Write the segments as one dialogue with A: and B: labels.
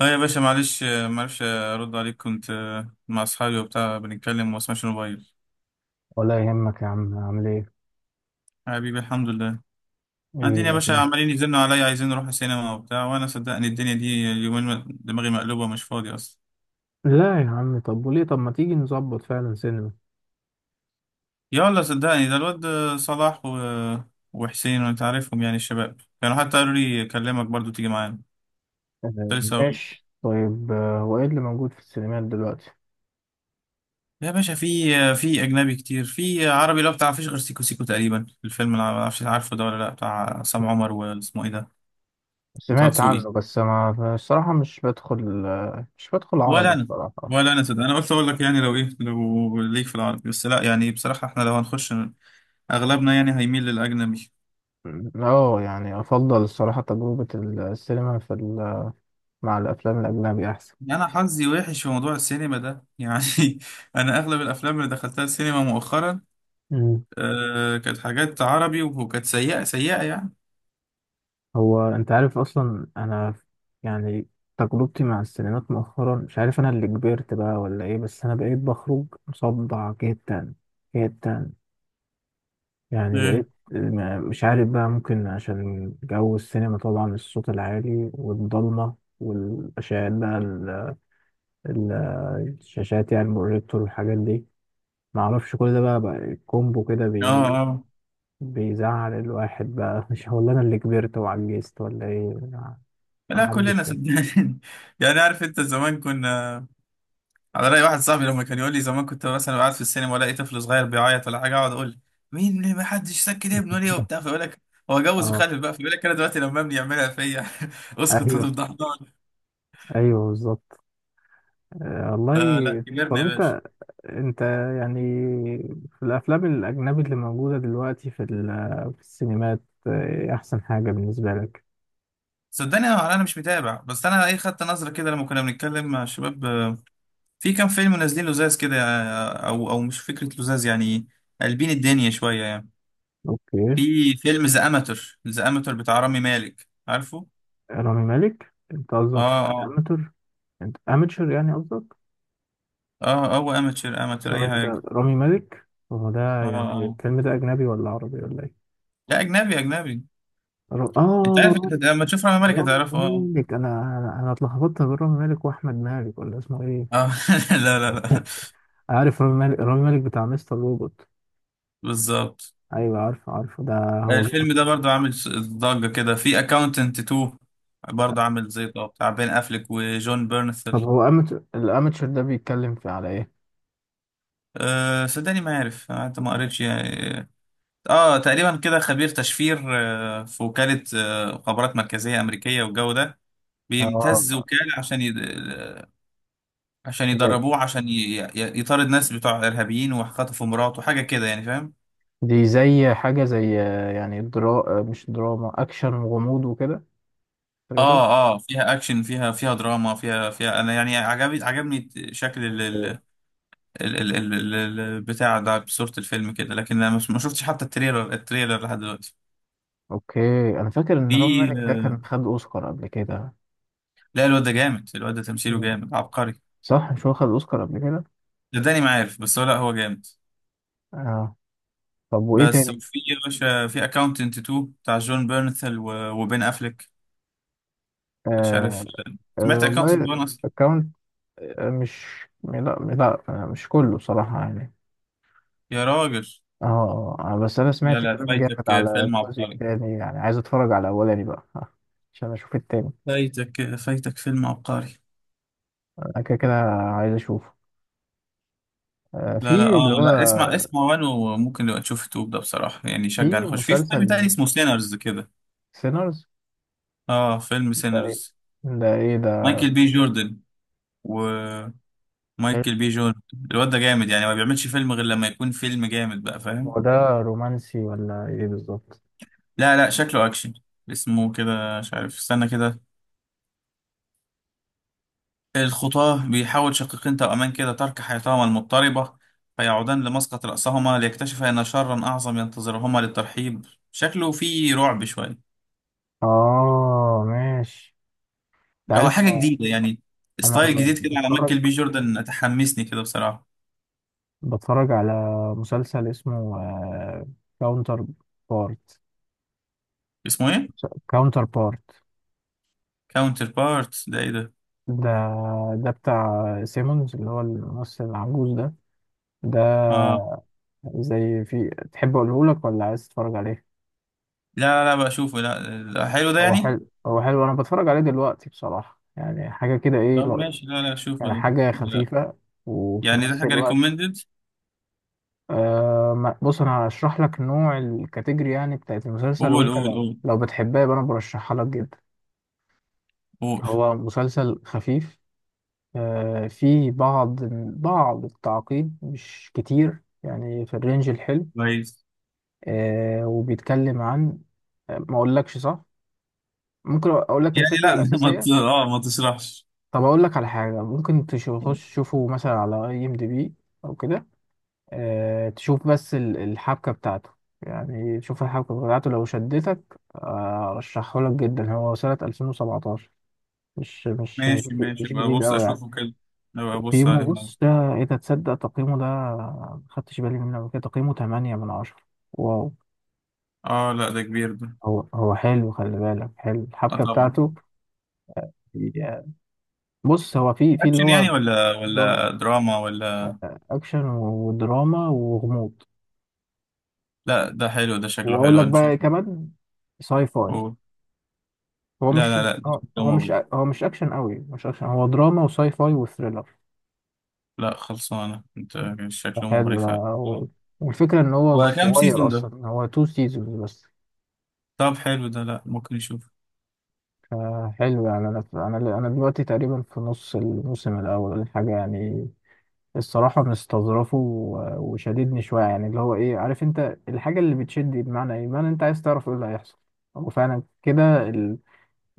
A: اه يا باشا، معلش. معرفش ارد عليك، كنت مع اصحابي وبتاع بنتكلم وما اسمعش الموبايل.
B: ولا يهمك يا عم، عامل ايه؟
A: حبيبي، الحمد لله.
B: ايه
A: قاعدين يا باشا،
B: الاخبار؟
A: عمالين يزنوا عليا، عايزين نروح السينما وبتاع، وانا صدقني الدنيا دي اليومين دماغي مقلوبه، مش فاضي اصلا.
B: لا يا عم، طب وليه؟ طب ما تيجي نظبط فعلا سينما.
A: يلا صدقني، ده الواد صلاح و... آه، وحسين، وانت عارفهم يعني الشباب، كانوا حتى قالوا لي اكلمك برضو تيجي معانا. كنت لسه اقول،
B: ماشي طيب. هو ايه اللي موجود في السينمات دلوقتي؟
A: يا باشا في في اجنبي كتير، في عربي اللي هو بتاع مفيش غير سيكو سيكو تقريبا، الفيلم اللي ما اعرفش عارفه ده ولا لا، بتاع عصام عمر واسمه ايه ده، وطه
B: سمعت
A: دسوقي.
B: عنه، بس ما الصراحة مش بدخل، مش بدخل عربي
A: ولا انا،
B: الصراحة.
A: ولا انا صدق، انا قلت اقول لك يعني لو ايه، لو ليك في العربي، بس لا يعني بصراحه احنا لو هنخش اغلبنا يعني هيميل للاجنبي.
B: اه يعني افضل الصراحة تجربة السينما في مع الافلام الاجنبي احسن.
A: يعني انا حظي وحش في موضوع السينما ده يعني انا اغلب الافلام اللي دخلتها السينما مؤخرا كانت حاجات عربي، وكانت سيئه سيئه يعني.
B: هو انت عارف اصلا انا يعني تجربتي مع السينمات مؤخرا، مش عارف انا اللي كبرت بقى ولا ايه، بس انا بقيت بخرج مصدع جدا جدا. يعني
A: ايه،
B: بقيت مش عارف بقى، ممكن عشان جو السينما طبعا، الصوت العالي والضلمة والأشعاعات بقى ال- الشاشات يعني، البروجيكتور والحاجات دي. معرفش كل ده بقى، بقى كومبو كده
A: اه
B: بي
A: اه،
B: بيزعل الواحد بقى. مش هو اللي انا اللي كبرت وعجزت ولا ايه؟ ما ما
A: لا
B: حدش
A: كلنا
B: فاهم.
A: صدقني يعني عارف انت زمان كنا على رأي واحد صاحبي لما كان يقول لي زمان كنت مثلا قاعد في السينما والاقي طفل صغير بيعيط ولا حاجه، اقعد اقول ما حدش سكت ابنه ليه وبتاع، فيقول لك هو جوز
B: اه.
A: وخلف بقى، فيقول لك انا دلوقتي لما ابني يعملها فيا اسكت
B: ايوه
A: هتفضحنا.
B: ايوه بالظبط. والله.
A: آه لا
B: طب
A: كبرنا يا باشا.
B: انت، انت يعني في الافلام الاجنبي اللي موجوده دلوقتي في في السينمات، إيه احسن حاجه بالنسبه لك؟
A: صدقني أنا مش متابع، بس انا ايه خدت نظره كده لما كنا بنتكلم مع الشباب، في كام فيلم نازلين لزاز كده، او مش فكره لزاز يعني، قلبين الدنيا شويه يعني.
B: اوكي.
A: في فيلم ذا اماتور، ذا اماتور بتاع رامي مالك، عارفه؟
B: رامي مالك، انت قصدك
A: اه اه.
B: الاماتور؟ انت اماتشر يعني قصدك؟
A: اه هو اماتور اماتور اي
B: ثواني، ده
A: حاجه.
B: رامي مالك هو ده؟
A: اه
B: يعني الفيلم ده اجنبي ولا عربي ولا ايه؟
A: لا اجنبي اجنبي. انت عارف
B: اه.
A: انت لما تشوف رامي مالك
B: رامي
A: هتعرفه،
B: رامي
A: اه.
B: مالك، انا أنا اتلخبطت بين رامي مالك واحمد مالك، ولا اسمه ايه؟
A: اه لا لا لا.
B: عارف، رامي مالك، رامي مالك بتاع مستر روبوت.
A: بالظبط.
B: ايوه، عارفه عارفه ده. هو
A: الفيلم
B: جامد.
A: ده برضه عامل ضجة كده، في اكاونتنت 2 برضه، عامل زي طب بتاع بين افليك وجون بيرنثل.
B: طب هو أمت... الاماتشر ده بيتكلم في على ايه؟
A: أه صدقني ما عارف، انت ما قريتش يعني. اه تقريبا كده خبير تشفير في وكالة مخابرات مركزية أمريكية والجو ده، بيمتز
B: اه.
A: وكالة عشان يد... آه، عشان
B: زي-
A: يدربوه عشان ي... ي- يطارد ناس بتوع إرهابيين وخطفوا مراته، حاجة كده يعني فاهم.
B: دي زي حاجه زي، يعني درا... مش دراما، اكشن وغموض وكده. تريلر.
A: اه اه، فيها اكشن، فيها فيها دراما، فيها فيها انا يعني عجبني عجبني شكل
B: أوكي.
A: البتاع ده بصورة الفيلم كده، لكن انا ما شفتش حتى التريلر، التريلر لحد دلوقتي.
B: اوكي. انا فاكر ان رامي
A: في
B: مالك ده كان خد اوسكار قبل كده.
A: لا الواد ده جامد، الواد ده تمثيله
B: مم.
A: جامد عبقري.
B: صح مش هو خد اوسكار قبل كده؟
A: صدقني ما عارف، بس هو لا هو جامد.
B: اه. طب وايه
A: بس
B: تاني؟
A: وفي يا باشا في اكاونتنت 2 بتاع جون بيرنثل و- وبين افليك، مش
B: آه،
A: عارف سمعت
B: والله
A: اكاونتنت 1 اصلا؟
B: الاكونت، مش لا لا، مش كله صراحة يعني.
A: يا راجل
B: اه، بس انا
A: لا
B: سمعت
A: لا،
B: الكلام جامد
A: فايتك
B: على
A: فيلم
B: الجزء
A: عبقري،
B: التاني، يعني عايز اتفرج على الاولاني بقى عشان اشوف التاني.
A: فايتك فيلم عبقري.
B: انا كده كده عايز اشوفه. في
A: لا لا اه
B: اللي هو،
A: لا اسمع، اسمع. وان وممكن نبقى نشوف التوب ده بصراحة يعني، يشجع
B: في
A: نخش في فيلم تاني
B: مسلسل.
A: اسمه سينرز كده.
B: سينرز؟
A: اه فيلم
B: ده ايه؟
A: سينرز،
B: ده ايه ده؟
A: مايكل بي جوردن. ومايكل
B: حلو.
A: بي جوردن، الواد ده جامد يعني ما بيعملش فيلم غير لما يكون فيلم جامد بقى
B: هو
A: فاهم.
B: ده رومانسي ولا ايه بالظبط؟
A: لا لا شكله اكشن. اسمه كده مش عارف، استنى كده. الخطاة، بيحاول شقيقين توأمان كده ترك حياتهما المضطربة، فيعودان لمسقط رأسهما ليكتشفا أن شرا أعظم ينتظرهما للترحيب. شكله فيه رعب شوية.
B: اه ماشي. انت
A: هو
B: عارف
A: حاجة
B: انا،
A: جديدة يعني، ستايل جديد كده على
B: بتفرج،
A: مايكل بي جوردن، تحمسني كده بصراحة.
B: بتفرج على مسلسل اسمه كاونتر بارت.
A: اسمه ايه؟
B: كاونتر بارت
A: كاونتر بارت ده ايه ده؟
B: ده، ده بتاع سيمونز اللي هو الممثل العجوز ده. ده
A: اه،
B: زي، في تحب اقوله لك ولا عايز تتفرج عليه؟
A: لا لا لا بقى اشوفه، لا لا، حلو ده
B: هو
A: يعني؟
B: حلو، هو حلو. انا بتفرج عليه دلوقتي بصراحة، يعني حاجة كده، ايه،
A: طب ماشي، لا لا اشوفه
B: يعني
A: ده.
B: حاجة
A: لا،
B: خفيفة وفي
A: يعني ده
B: نفس
A: حاجة
B: الوقت،
A: ريكومندد؟
B: بص انا هشرح لك نوع الكاتيجوري يعني بتاعت المسلسل،
A: قول
B: وانت
A: قول
B: لو
A: قول،
B: بتحبها يبقى انا برشحها لك جدا.
A: قول.
B: هو مسلسل خفيف، فيه بعض، بعض التعقيد مش كتير، يعني في الرينج الحلو.
A: كويس.
B: آه، وبيتكلم عن، ما اقولكش صح. ممكن اقول لك
A: يعني
B: الفكره
A: لا ما ت-
B: الاساسيه.
A: اه ما تشرحش.
B: طب اقول لك على حاجه، ممكن تخش تشوفه مثلا على اي ام دي بي او كده، آه تشوف بس الحبكه بتاعته، يعني تشوف الحبكه بتاعته، لو شدتك ارشحه لك جدا. هو سنه 2017، مش
A: ماشي ماشي
B: مش
A: بقى،
B: جديد
A: بص
B: قوي يعني.
A: اشوفه كده، بقى ابص
B: تقييمه،
A: عليه.
B: بص ده، ايه ده، تصدق تقييمه ده ما خدتش بالي منه قبل كده، تقييمه 8 من 10. واو.
A: اه لا ده كبير ده.
B: هو حلو، خلي بالك، حلو
A: اه
B: الحبكه
A: طبعا.
B: بتاعته يعني. بص، هو في، في اللي
A: اكشن يعني
B: هو،
A: ولا
B: نظام
A: ولا دراما ولا؟
B: اكشن ودراما وغموض.
A: لا ده حلو، ده شكله
B: واقول
A: حلو،
B: لك بقى
A: هنشوفه.
B: كمان ساي فاي.
A: قول.
B: هو
A: لا
B: مش
A: لا لا، ده
B: هو
A: شكله مغري.
B: هو مش اكشن قوي، مش اكشن، هو دراما وساي فاي وثريلر.
A: لا خلصانة انت، شكله
B: حلو
A: مغري
B: ده.
A: فعلا.
B: والفكره ان هو
A: وكم
B: صغير
A: سيزون ده؟
B: اصلا، هو تو سيزونز بس.
A: طب حلو ده، لا ممكن نشوف.
B: فحلو يعني، انا دلوقتي تقريبا في نص الموسم الاول ولا حاجه يعني. الصراحة مستظرفه وشاددني شوية يعني، اللي هو، إيه، عارف أنت الحاجة اللي بتشد دي بمعنى إيه؟ بمعنى أنت عايز تعرف إيه اللي هيحصل. هو فعلا كده،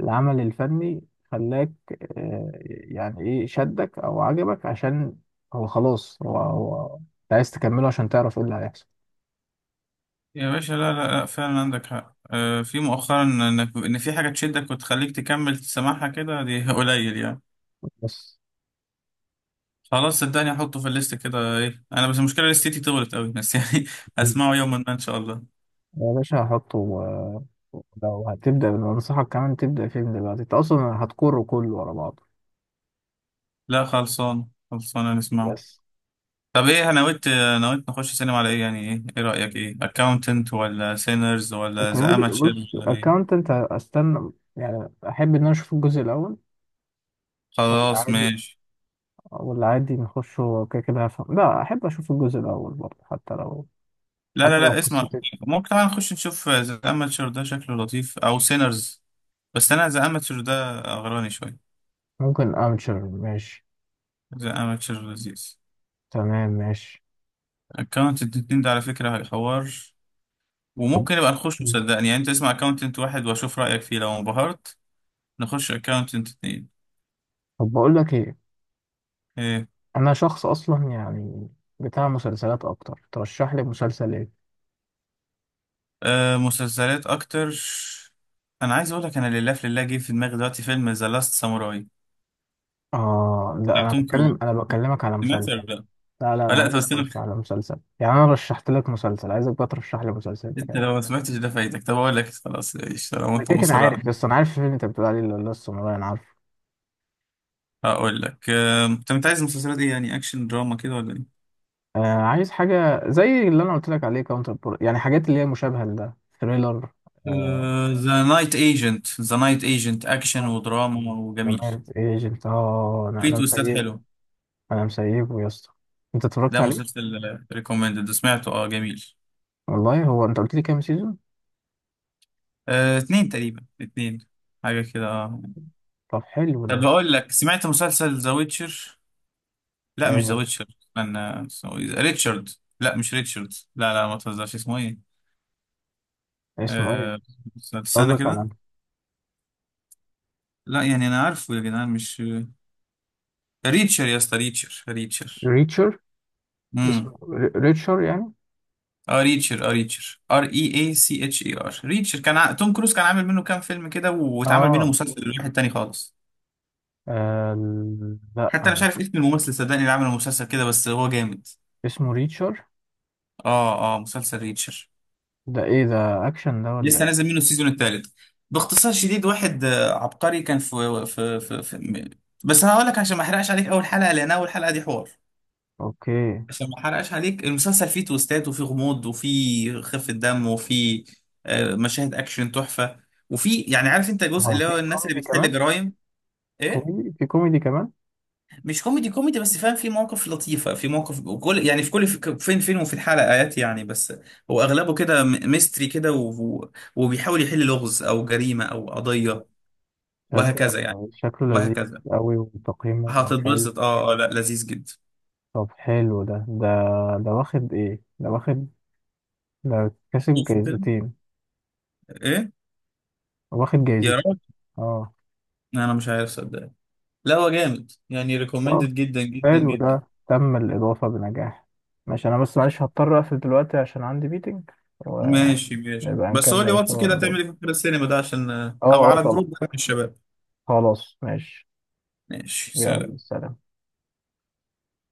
B: العمل الفني خلاك، يعني إيه شدك أو عجبك، عشان هو خلاص هو هو أنت عايز تكمله عشان تعرف إيه اللي هيحصل.
A: يا باشا لا لا لا، فعلا عندك حق في مؤخرا انك ان في حاجة تشدك وتخليك تكمل سماعها كده، دي قليل يعني.
B: بس
A: خلاص صدقني احطه في الليست كده، ايه انا بس المشكلة لستي طولت قوي بس يعني هسمعه يوما ما ان شاء الله.
B: يا باشا هحطه لو هتبدأ أنصحك كمان تبدأ فيلم دلوقتي، أنت أصلا هتكره كله ورا بعضه.
A: لا خلصان خلصان نسمعه.
B: بس
A: طب ايه، انا نويت، نويت نخش سينما على ايه يعني؟ ايه ايه رأيك، ايه اكاونتنت ولا سينرز ولا ذا
B: تعالي
A: اماتشر؟
B: بص، اكاونتنت استنى، يعني احب ان انا اشوف الجزء الاول. ولا
A: خلاص
B: عادي،
A: ماشي.
B: ولا عادي نخش، هو كده كده هفهم. لا احب اشوف الجزء الاول برضه، حتى لو،
A: لا لا
B: حتى لو
A: لا اسمع،
B: قصتي.
A: ممكن طبعا نخش نشوف ذا اماتشر ده شكله لطيف او سينرز، بس انا ذا اماتشر ده غراني شويه.
B: ممكن امشر ماشي.
A: ذا اماتشر لذيذ.
B: تمام ماشي.
A: اكونت الاتنين ده على فكره هيحور، وممكن يبقى نخش صدقني يعني، انت اسمع اكونتنت واحد واشوف رايك فيه، لو انبهرت نخش اكونتنت اتنين.
B: طب بقول لك ايه،
A: ايه.
B: انا شخص اصلا يعني بتاع مسلسلات اكتر. ترشح لي مسلسل ايه؟
A: آه مسلسلات اكتر. انا عايز اقول لك، انا لله في لله جه في دماغي دلوقتي فيلم ذا لاست ساموراي
B: اه لا،
A: بتاع
B: انا
A: توم
B: بتكلم،
A: كروز،
B: انا بكلمك على
A: سمعت ولا
B: مسلسل.
A: لا؟
B: لا لا،
A: آه
B: انا
A: لا طب
B: عايزك
A: استنى،
B: ترشح لي مسلسل، يعني انا رشحت لك مسلسل، عايزك بقى ترشح لي مسلسل انت
A: انت
B: كمان.
A: لو ما سمعتش ده فايتك، طب اقول لك خلاص ايش لو
B: انا
A: انت
B: كده كده
A: مصر على
B: عارف،
A: ده.
B: لسه، انا عارف الفيلم اللي انت بتقول عليه اللي هو، لسه والله انا عارفه.
A: هقول لك طب انت عايز المسلسلات ايه يعني، اكشن دراما كده ولا ايه؟
B: آه عايز حاجه زي اللي انا قلت لك عليه، كاونتر بور، يعني حاجات اللي هي مشابهه لده، ثريلر. آه.
A: ذا نايت ايجنت، ذا نايت ايجنت اكشن
B: اه
A: ودراما وجميل،
B: لمارد ايجنت، اه انا
A: وفي
B: انا
A: تويستات
B: مسيبه،
A: حلو.
B: انا مسيبه يا اسطى. انت اتفرجت
A: ده
B: عليه؟
A: مسلسل ريكومندد، سمعته اه جميل.
B: والله، هو انت قلت لي كام سيزون؟
A: اتنين تقريبا، اتنين، حاجة كده اه.
B: طب حلو
A: طب
B: ده.
A: بقول لك سمعت مسلسل ذا ويتشر؟ لا مش ذا
B: آه
A: ويتشر، استنى. اسمه إيه؟ ريتشارد، لا مش ريتشارد، لا لا ما تهزرش، اسمه ايه؟
B: اسمه ايه؟
A: آه، استنى
B: قصدك
A: كده.
B: على
A: لا يعني انا عارفه يا جدعان، مش آه، ريتشر يا اسطى، ريتشر ريتشر.
B: ريتشر. اسمه
A: امم
B: ريتشر يعني؟
A: اه ريتشر، اه ريتشر، ار اي اي سي اتش اي ار، ريتشر كان توم كروز كان عامل منه كام فيلم كده، واتعمل منه
B: اه.
A: مسلسل لواحد تاني خالص.
B: آه لا،
A: حتى انا مش عارف اسم الممثل صدقني، اللي عمل المسلسل كده بس هو جامد.
B: اسمه ريتشر.
A: اه اه مسلسل ريتشر،
B: ده ايه ده؟ اكشن ده ولا
A: لسه
B: ايه؟
A: نازل منه السيزون الثالث. باختصار شديد واحد عبقري، كان بس هقول لك عشان ما احرقش عليك اول حلقه، لان اول حلقه دي حوار.
B: اوكي.
A: عشان ما احرقش عليك، المسلسل فيه تويستات وفيه غموض وفيه خفة دم وفيه مشاهد اكشن تحفة، وفي يعني عارف انت الجزء
B: هو
A: اللي
B: في
A: هو الناس اللي
B: كوميدي
A: بتحل
B: كمان؟
A: جرايم. ايه.
B: كوميدي، في كوميدي كمان؟
A: مش كوميدي كوميدي بس فاهم، في مواقف لطيفة، في مواقف وكل يعني في كل في فين فين وفي الحلقات يعني، بس هو اغلبه كده ميستري كده وبيحاول يحل لغز او جريمة او قضية
B: تصدق
A: وهكذا يعني،
B: شكله لذيذ
A: وهكذا.
B: قوي، وتقييمه حلو.
A: هتتبسط اه، لا لذيذ جدا.
B: طب حلو ده ده، ده واخد ايه؟ ده واخد، ده كسب
A: شوفوا كده.
B: جايزتين؟
A: ايه.
B: واخد
A: يا
B: جايزتين؟
A: رب،
B: اه.
A: انا مش عارف صدق، لا هو جامد يعني،
B: طب
A: ريكومندد جدا جدا
B: حلو
A: جدا.
B: ده، تم الإضافة بنجاح. ماشي، أنا بس معلش هضطر أقفل دلوقتي عشان عندي ميتنج، ونبقى
A: ماشي ماشي، بس قول لي
B: نكمل
A: واتس
B: شغلنا
A: كده تعمل ايه
B: برضه.
A: في آخر السينما ده، عشان
B: اه
A: او
B: اه
A: على
B: طبعا.
A: الجروب ده من الشباب.
B: خلاص ماشي.
A: ماشي،
B: يلا
A: سلام.
B: سلام.